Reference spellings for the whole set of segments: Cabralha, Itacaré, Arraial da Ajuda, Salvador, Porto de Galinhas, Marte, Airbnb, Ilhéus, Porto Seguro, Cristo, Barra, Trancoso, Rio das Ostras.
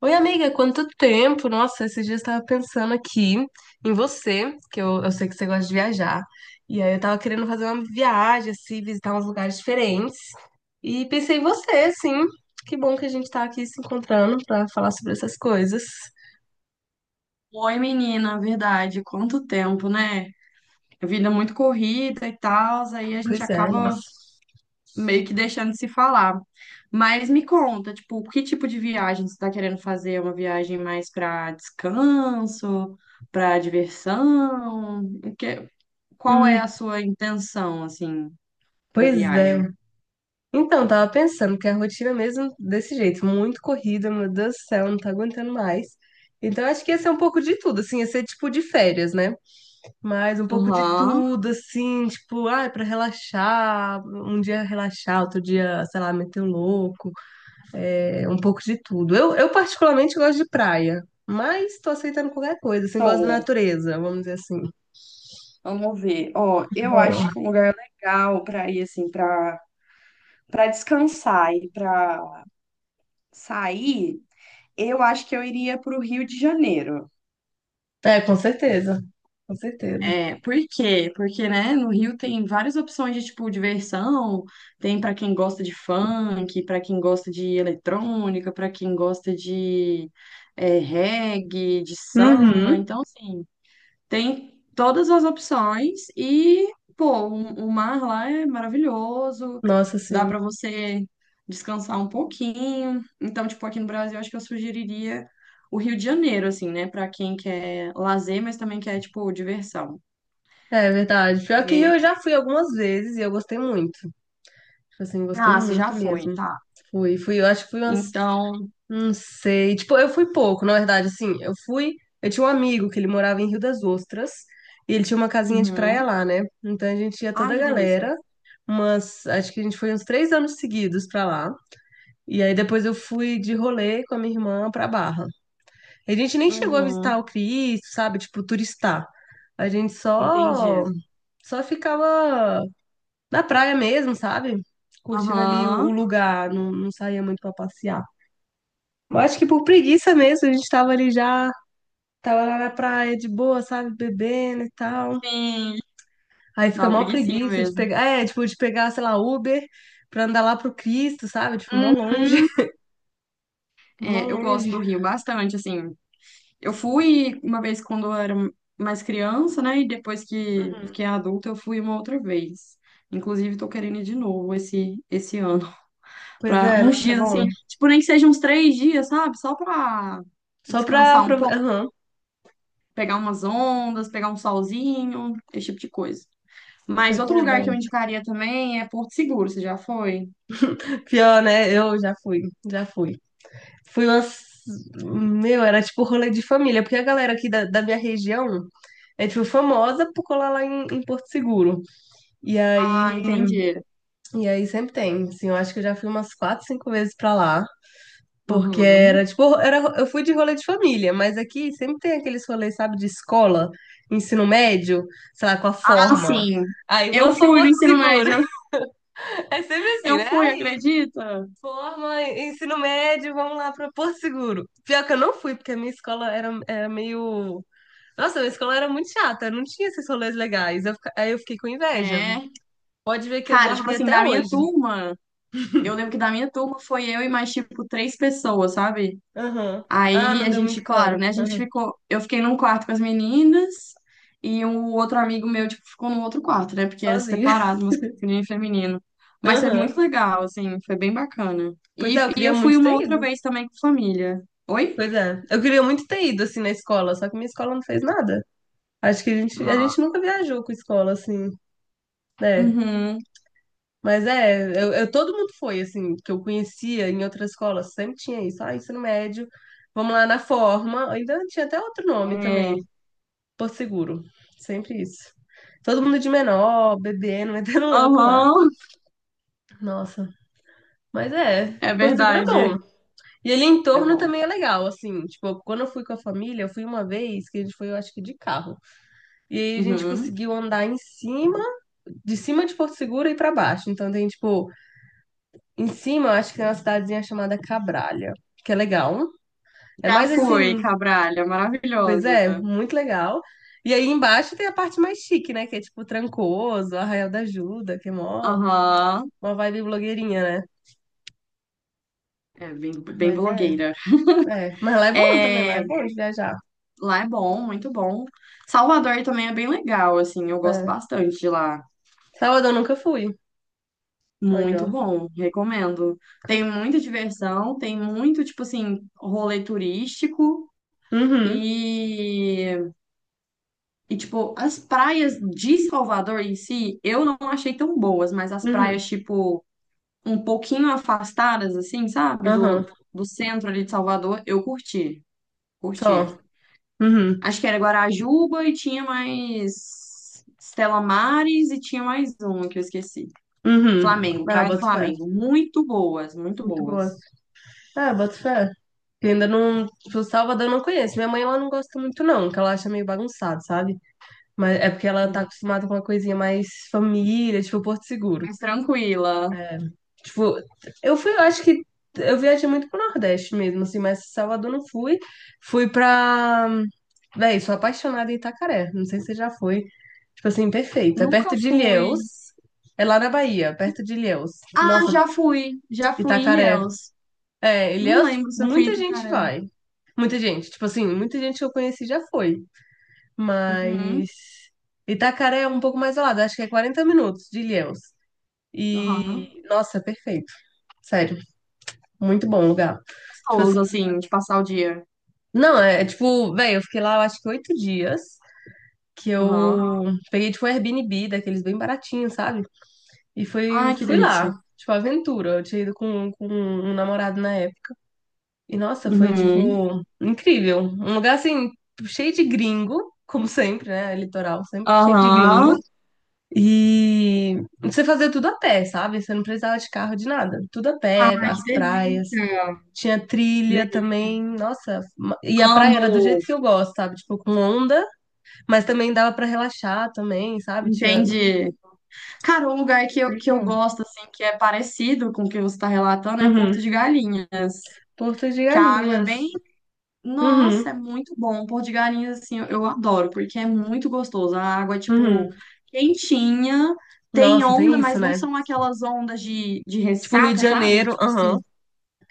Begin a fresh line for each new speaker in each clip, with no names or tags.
Oi, amiga, quanto tempo? Nossa, esses dias eu estava pensando aqui em você, que eu sei que você gosta de viajar. E aí eu tava querendo fazer uma viagem, assim, visitar uns lugares diferentes. E pensei em você, sim. Que bom que a gente tá aqui se encontrando para falar sobre essas coisas.
Oi, menina, verdade. Quanto tempo, né? A vida é muito corrida e tal, aí a gente
Pois é,
acaba
nossa.
meio que deixando de se falar. Mas me conta, tipo, que tipo de viagem você está querendo fazer? É uma viagem mais para descanso, para diversão? Qual é
Hum,
a sua intenção, assim, para
pois é.
viagem?
Então, tava pensando que a rotina é mesmo desse jeito, muito corrida, meu Deus do céu, não tá aguentando mais. Então, acho que ia ser um pouco de tudo, assim, ia ser tipo de férias, né? Mas um pouco de
Aham.
tudo, assim, tipo, ai, pra relaxar, um dia relaxar, outro dia, sei lá, meter o louco, é, um pouco de tudo. Eu particularmente gosto de praia, mas tô aceitando qualquer coisa, assim, gosto da
Show.
natureza, vamos dizer assim.
Vamos ver. Ó, eu acho
Bom,
que um lugar legal para ir assim, para descansar e para sair. Eu acho que eu iria para o Rio de Janeiro.
é, com certeza, com certeza.
É, por quê? Porque, né, no Rio tem várias opções de, tipo, diversão, tem pra quem gosta de funk, pra quem gosta de eletrônica, pra quem gosta de reggae, de samba,
Uhum,
então, assim, tem todas as opções e, pô, o mar lá é maravilhoso,
nossa,
dá
sim,
para você descansar um pouquinho. Então, tipo, aqui no Brasil, acho que eu sugeriria o Rio de Janeiro, assim, né, para quem quer lazer, mas também quer, tipo, diversão.
é verdade. Pior que
É.
eu já fui algumas vezes e eu gostei muito, tipo assim, gostei
Ah, você já
muito
foi,
mesmo.
tá.
Fui, fui, eu acho que fui umas.
Então,
Não sei. Tipo, eu fui pouco, na verdade, assim, eu fui. Eu tinha um amigo que ele morava em Rio das Ostras e ele tinha uma casinha de praia
uhum.
lá, né? Então a gente ia toda
Ai,
a
que delícia.
galera, mas acho que a gente foi uns 3 anos seguidos pra lá. E aí depois eu fui de rolê com a minha irmã pra Barra. A gente nem chegou a visitar
Uhum.
o Cristo, sabe? Tipo, turistar. A gente só
Entendi.
só ficava na praia mesmo, sabe? Curtindo ali o
Aham.
o lugar, não, não saía muito pra passear. Eu acho que por preguiça mesmo, a gente tava ali já, tava lá na praia de boa, sabe, bebendo e tal.
Sim.
Aí
Dá
fica
uma
mó
preguicinha
preguiça de
mesmo.
pegar, é, tipo, de pegar, sei lá, Uber pra andar lá pro Cristo, sabe? Tipo, mó longe,
Uhum.
mó
É, eu gosto
longe.
do Rio bastante, assim. Eu fui uma vez quando eu era mais criança, né? E depois que
Uhum.
fiquei adulta, eu fui uma outra vez. Inclusive, tô querendo ir de novo esse ano.
Pois
Pra
é,
uns
nossa, é
dias,
bom.
assim, tipo, nem que seja uns 3 dias, sabe? Só pra
Só pra...
descansar um
pra...
pouco,
Aham.
pegar umas ondas, pegar um solzinho, esse tipo de coisa. Mas
Pois
outro
é, é
lugar
bom.
que eu indicaria também é Porto Seguro, você já foi?
Pior, né? Eu já fui, já fui. Fui umas... Meu, era tipo rolê de família, porque a galera aqui da minha região é, tipo, famosa por colar lá em Porto Seguro. E aí
Ah, entendi.
E aí sempre tem, assim, eu acho que eu já fui umas 4, 5 vezes pra lá, porque
Uhum.
era tipo, era, eu fui de rolê de família, mas aqui sempre tem aqueles rolês, sabe, de escola, ensino médio, sei lá, com a
Ah,
forma.
sim.
Aí
Eu
vamos pra
fui no
Porto
ensino
Seguro.
médio.
É sempre assim,
Eu
né?
fui,
Aí,
acredita?
forma, ensino médio, vamos lá pra Porto Seguro. Pior que eu não fui, porque a minha escola era, era meio. Nossa, a minha escola era muito chata, não tinha esses rolês legais. Aí eu fiquei com inveja.
É.
Pode ver que eu
Cara, tipo
guardei
assim,
até
da minha
hoje.
turma, eu lembro que da minha turma foi eu e mais, tipo, três pessoas, sabe?
Aham. Ah,
Aí
não
a
deu
gente,
muito
claro,
coro.
né? A gente ficou. Eu fiquei num quarto com as meninas e um outro amigo meu, tipo, ficou no outro quarto, né? Porque era
Sozinha.
separado, masculino e feminino. Mas foi
Aham.
muito legal, assim, foi bem bacana.
Pois
E,
é, eu
e
queria
eu fui
muito
uma
ter
outra
ido.
vez também com família. Oi?
Pois é. Eu queria muito ter ido, assim, na escola, só que minha escola não fez nada. Acho que a gente, a
Ah,
gente nunca viajou com escola, assim, né?
uhum.
Mas é, todo mundo foi, assim, que eu conhecia em outras escolas, sempre tinha isso. Ah, ensino médio, vamos lá na forma. Ainda tinha até outro nome
É.
também, Porto Seguro. Sempre isso. Todo mundo de menor, bebendo, metendo louco lá.
Aham,
Nossa. Mas é,
é
Porto Seguro é
verdade.
bom. E ali em
É
torno
bom.
também é legal, assim, tipo, quando eu fui com a família, eu fui uma vez, que a gente foi, eu acho que de carro. E aí a gente
Uhum.
conseguiu andar em cima de Porto Seguro e pra baixo. Então tem, tipo, em cima, eu acho que tem uma cidadezinha chamada Cabralha, que é legal. É
Já
mais
fui,
assim,
Cabralha,
pois
maravilhosa.
é, muito legal. E aí embaixo tem a parte mais chique, né, que é tipo Trancoso, Arraial da Ajuda, que é mó,
Aham,
uma vibe blogueirinha, né?
é bem, bem
Mas é,
blogueira.
é. Mas lá é bom também, lá
É,
é bom de viajar.
lá é bom, muito bom. Salvador também é bem legal, assim, eu gosto
É.
bastante de lá.
Salvador eu nunca fui.
Muito
Olha,
bom, recomendo. Tem
ó.
muita diversão, tem muito, tipo assim, rolê turístico
Uhum,
e, e tipo, as praias de Salvador em si, eu não achei tão boas, mas as
uhum,
praias, tipo, um pouquinho afastadas, assim, sabe,
aham,
do, centro ali de Salvador, eu curti, curti.
só. Uhum,
Acho que era Guarajuba e tinha mais Stella Maris e tinha mais uma que eu esqueci.
uhum.
Flamengo,
Ah,
Praia do
boto fé.
Flamengo. Muito boas, muito
Muito boa.
boas.
Ah, boto fé. Eu ainda não. Tipo, Salvador eu não conheço. Minha mãe, ela não gosta muito, não, que ela acha meio bagunçado, sabe? Mas é porque ela tá
Uhum.
acostumada com uma coisinha mais família, tipo Porto Seguro.
Mas tranquila.
É, tipo, eu fui, eu acho que eu viajei muito pro Nordeste mesmo, assim, mas Salvador não fui. Fui pra. Véi, sou apaixonada em Itacaré. Não sei se você já foi. Tipo assim, perfeito. É
Nunca
perto de
fui.
Ilhéus. É lá na Bahia, perto de Ilhéus.
Ah,
Nossa,
já fui. Já fui em
Itacaré.
Ilhéus.
É,
Não
Ilhéus,
lembro se eu fui em
muita gente
Itucaré.
vai. Muita gente. Tipo assim, muita gente que eu conheci já foi.
Uhum.
Mas. Itacaré é um pouco mais ao lado, acho que é 40 minutos de Ilhéus. E.
Aham.
Nossa, é perfeito. Sério. Muito bom lugar. Tipo assim,
Gostoso, assim, de passar o dia.
não, é, é tipo, velho, eu fiquei lá, eu acho que 8 dias, que
Aham.
eu peguei, tipo, um Airbnb, daqueles bem baratinhos, sabe? E fui,
Ai, que
fui
delícia.
lá, tipo, aventura. Eu tinha ido com um namorado na época. E, nossa, foi,
Uhum.
tipo, incrível. Um lugar, assim, cheio de gringo, como sempre, né? É Litoral, sempre cheio de gringo.
Aham.
E você fazia tudo a pé, sabe? Você não precisava de carro, de nada. Tudo a pé,
Ai,
as
que
praias.
delícia.
Tinha
Que
trilha
delícia.
também, nossa. E a praia era do jeito
Amo.
que eu gosto, sabe? Tipo, com onda, mas também dava pra relaxar também, sabe? Tinha.
Entendi. Cara, um lugar que eu,
Muito
que eu
bom.
gosto, assim, que é parecido com o que você está relatando, é
Uhum.
Porto de Galinha.
Porto de
Que a água é
Galinhas.
bem. Nossa, é
Uhum.
muito bom. Porto de Galinha, assim, eu adoro, porque é muito gostoso. A água é, tipo,
Uhum.
quentinha, tem
Nossa,
onda,
tem isso,
mas não
né?
são aquelas ondas de
Tipo, Rio de
ressaca, sabe? Que,
Janeiro.
tipo assim,
Aham.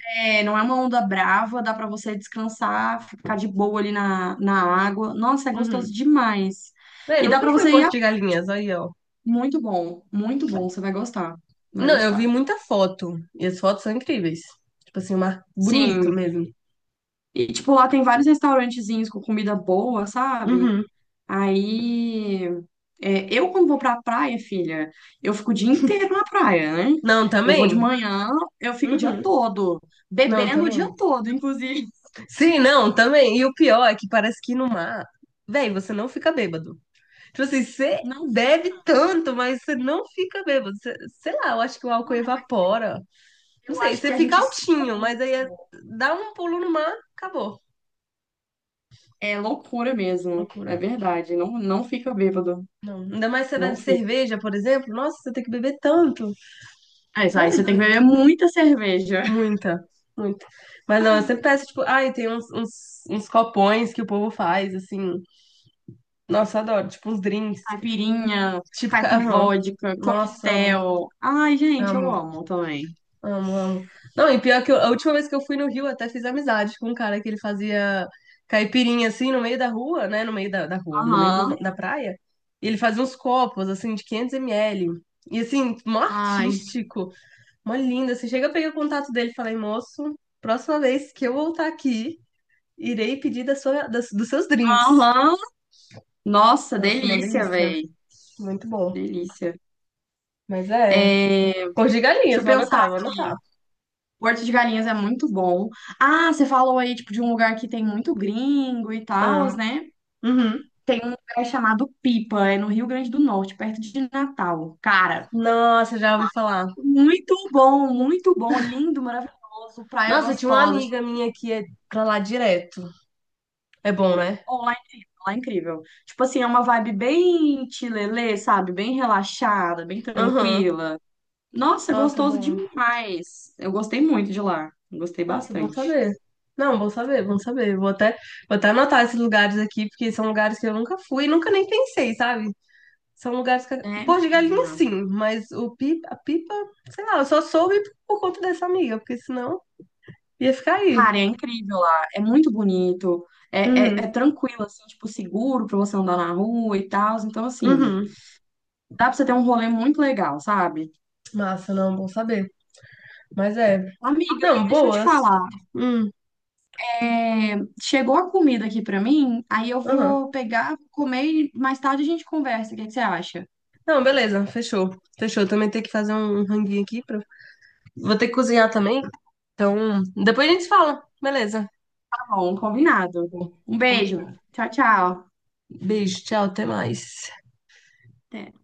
não é uma onda brava, dá para você descansar, ficar de boa ali na água. Nossa, é gostoso
Uhum.
demais.
Véi,
E dá
nunca
para
fui em
você ir
Porto
a...
de Galinhas, aí, ó.
Muito bom, muito bom. Você vai gostar, vai
Não, eu vi
gostar.
muita foto. E as fotos são incríveis. Tipo assim, um mar bonito
Sim,
mesmo.
e, tipo, lá tem vários restaurantezinhos com comida boa, sabe?
Uhum.
Aí. É, eu, quando vou pra praia, filha, eu fico o dia inteiro na praia, né?
Não,
Eu vou de
também?
manhã, eu fico o dia
Uhum.
todo,
Não,
bebendo o dia
também.
todo, inclusive.
Sim, não, também. E o pior é que parece que no mar, véi, você não fica bêbado. Tipo assim, você
Não fica.
bebe tanto, mas você não fica bêbado. Sei lá, eu acho que o álcool
Cara, mas
evapora. Não
eu
sei,
acho
você
que a
fica
gente sua
altinho,
muito.
mas aí dá um pulo no mar, acabou.
É loucura mesmo, é
Loucura.
verdade. Não, não fica bêbado,
Não. Ainda mais se você
não
bebe
fica.
cerveja, por exemplo. Nossa, você tem que beber tanto.
É, isso aí você
Tanto.
tem que beber muita cerveja.
Muita, muita. Mas não, eu sempre peço, tipo, ai, tem uns copões que o povo faz, assim. Nossa, eu adoro. Tipo, uns drinks.
Caipirinha,
Tipo, ca-
caipi
aham. Nossa, amo,
coquetel. Ai, gente, eu
amo,
amo também.
amo, amo. Não, e pior que a última vez que eu fui no Rio, eu até fiz amizade com um cara que ele fazia caipirinha assim no meio da rua, né? No meio da, da rua, no meio
Aham.
da praia. E ele fazia uns copos assim de 500 ml. E assim, mó
Ai.
artístico, mó lindo. Assim, chega, eu peguei o contato dele e falei, moço, próxima vez que eu voltar aqui, irei pedir da sua, dos seus drinks.
Aham. Nossa,
Nossa, uma
delícia,
delícia.
velho.
Muito bom.
Delícia.
Mas é.
É,
Cor de
deixa
galinhas,
eu
vou
pensar
anotar, vou anotar.
aqui. Porto de Galinhas é muito bom. Ah, você falou aí, tipo, de um lugar que tem muito gringo e tal,
Ah,
né?
uhum.
Tem um lugar chamado Pipa, é no Rio Grande do Norte, perto de Natal. Cara,
Nossa, já ouvi falar.
muito bom, lindo, maravilhoso, praia
Nossa, tinha uma
gostosa.
amiga minha que é pra lá direto. É bom, né?
Ó, lá é incrível, lá é incrível. Tipo assim, é uma vibe bem chilelê, sabe? Bem relaxada, bem
Aham.
tranquila. Nossa,
Nossa, é
gostoso
bom.
demais. Eu gostei muito de lá. Gostei
Nossa, bom
bastante.
saber. Não, bom saber, bom saber. Vou até anotar esses lugares aqui, porque são lugares que eu nunca fui, e nunca nem pensei, sabe? São lugares que.
É,
Pô, de galinha
menina.
sim, mas o pipa, a pipa, sei lá, eu só soube por conta dessa amiga, porque senão ia ficar aí.
Cara, é incrível lá. É muito bonito. É,
Uhum,
é, é tranquilo, assim, tipo, seguro pra você andar na rua e tal. Então, assim,
uhum.
dá pra você ter um rolê muito legal, sabe?
Massa, não, bom saber. Mas é.
Amiga,
Não,
deixa eu te
boas.
falar.
Hum,
Chegou a comida aqui pra mim, aí eu
aham.
vou pegar, vou comer e mais tarde a gente conversa. O que que você acha?
Não, beleza, fechou. Fechou. Também tem que fazer um ranguinho aqui. Pra... Vou ter que cozinhar também. Então, depois a gente se fala. Beleza.
Tá bom, combinado. Um
Com-
beijo. Tchau, tchau.
Beijo, tchau, até mais.
Até.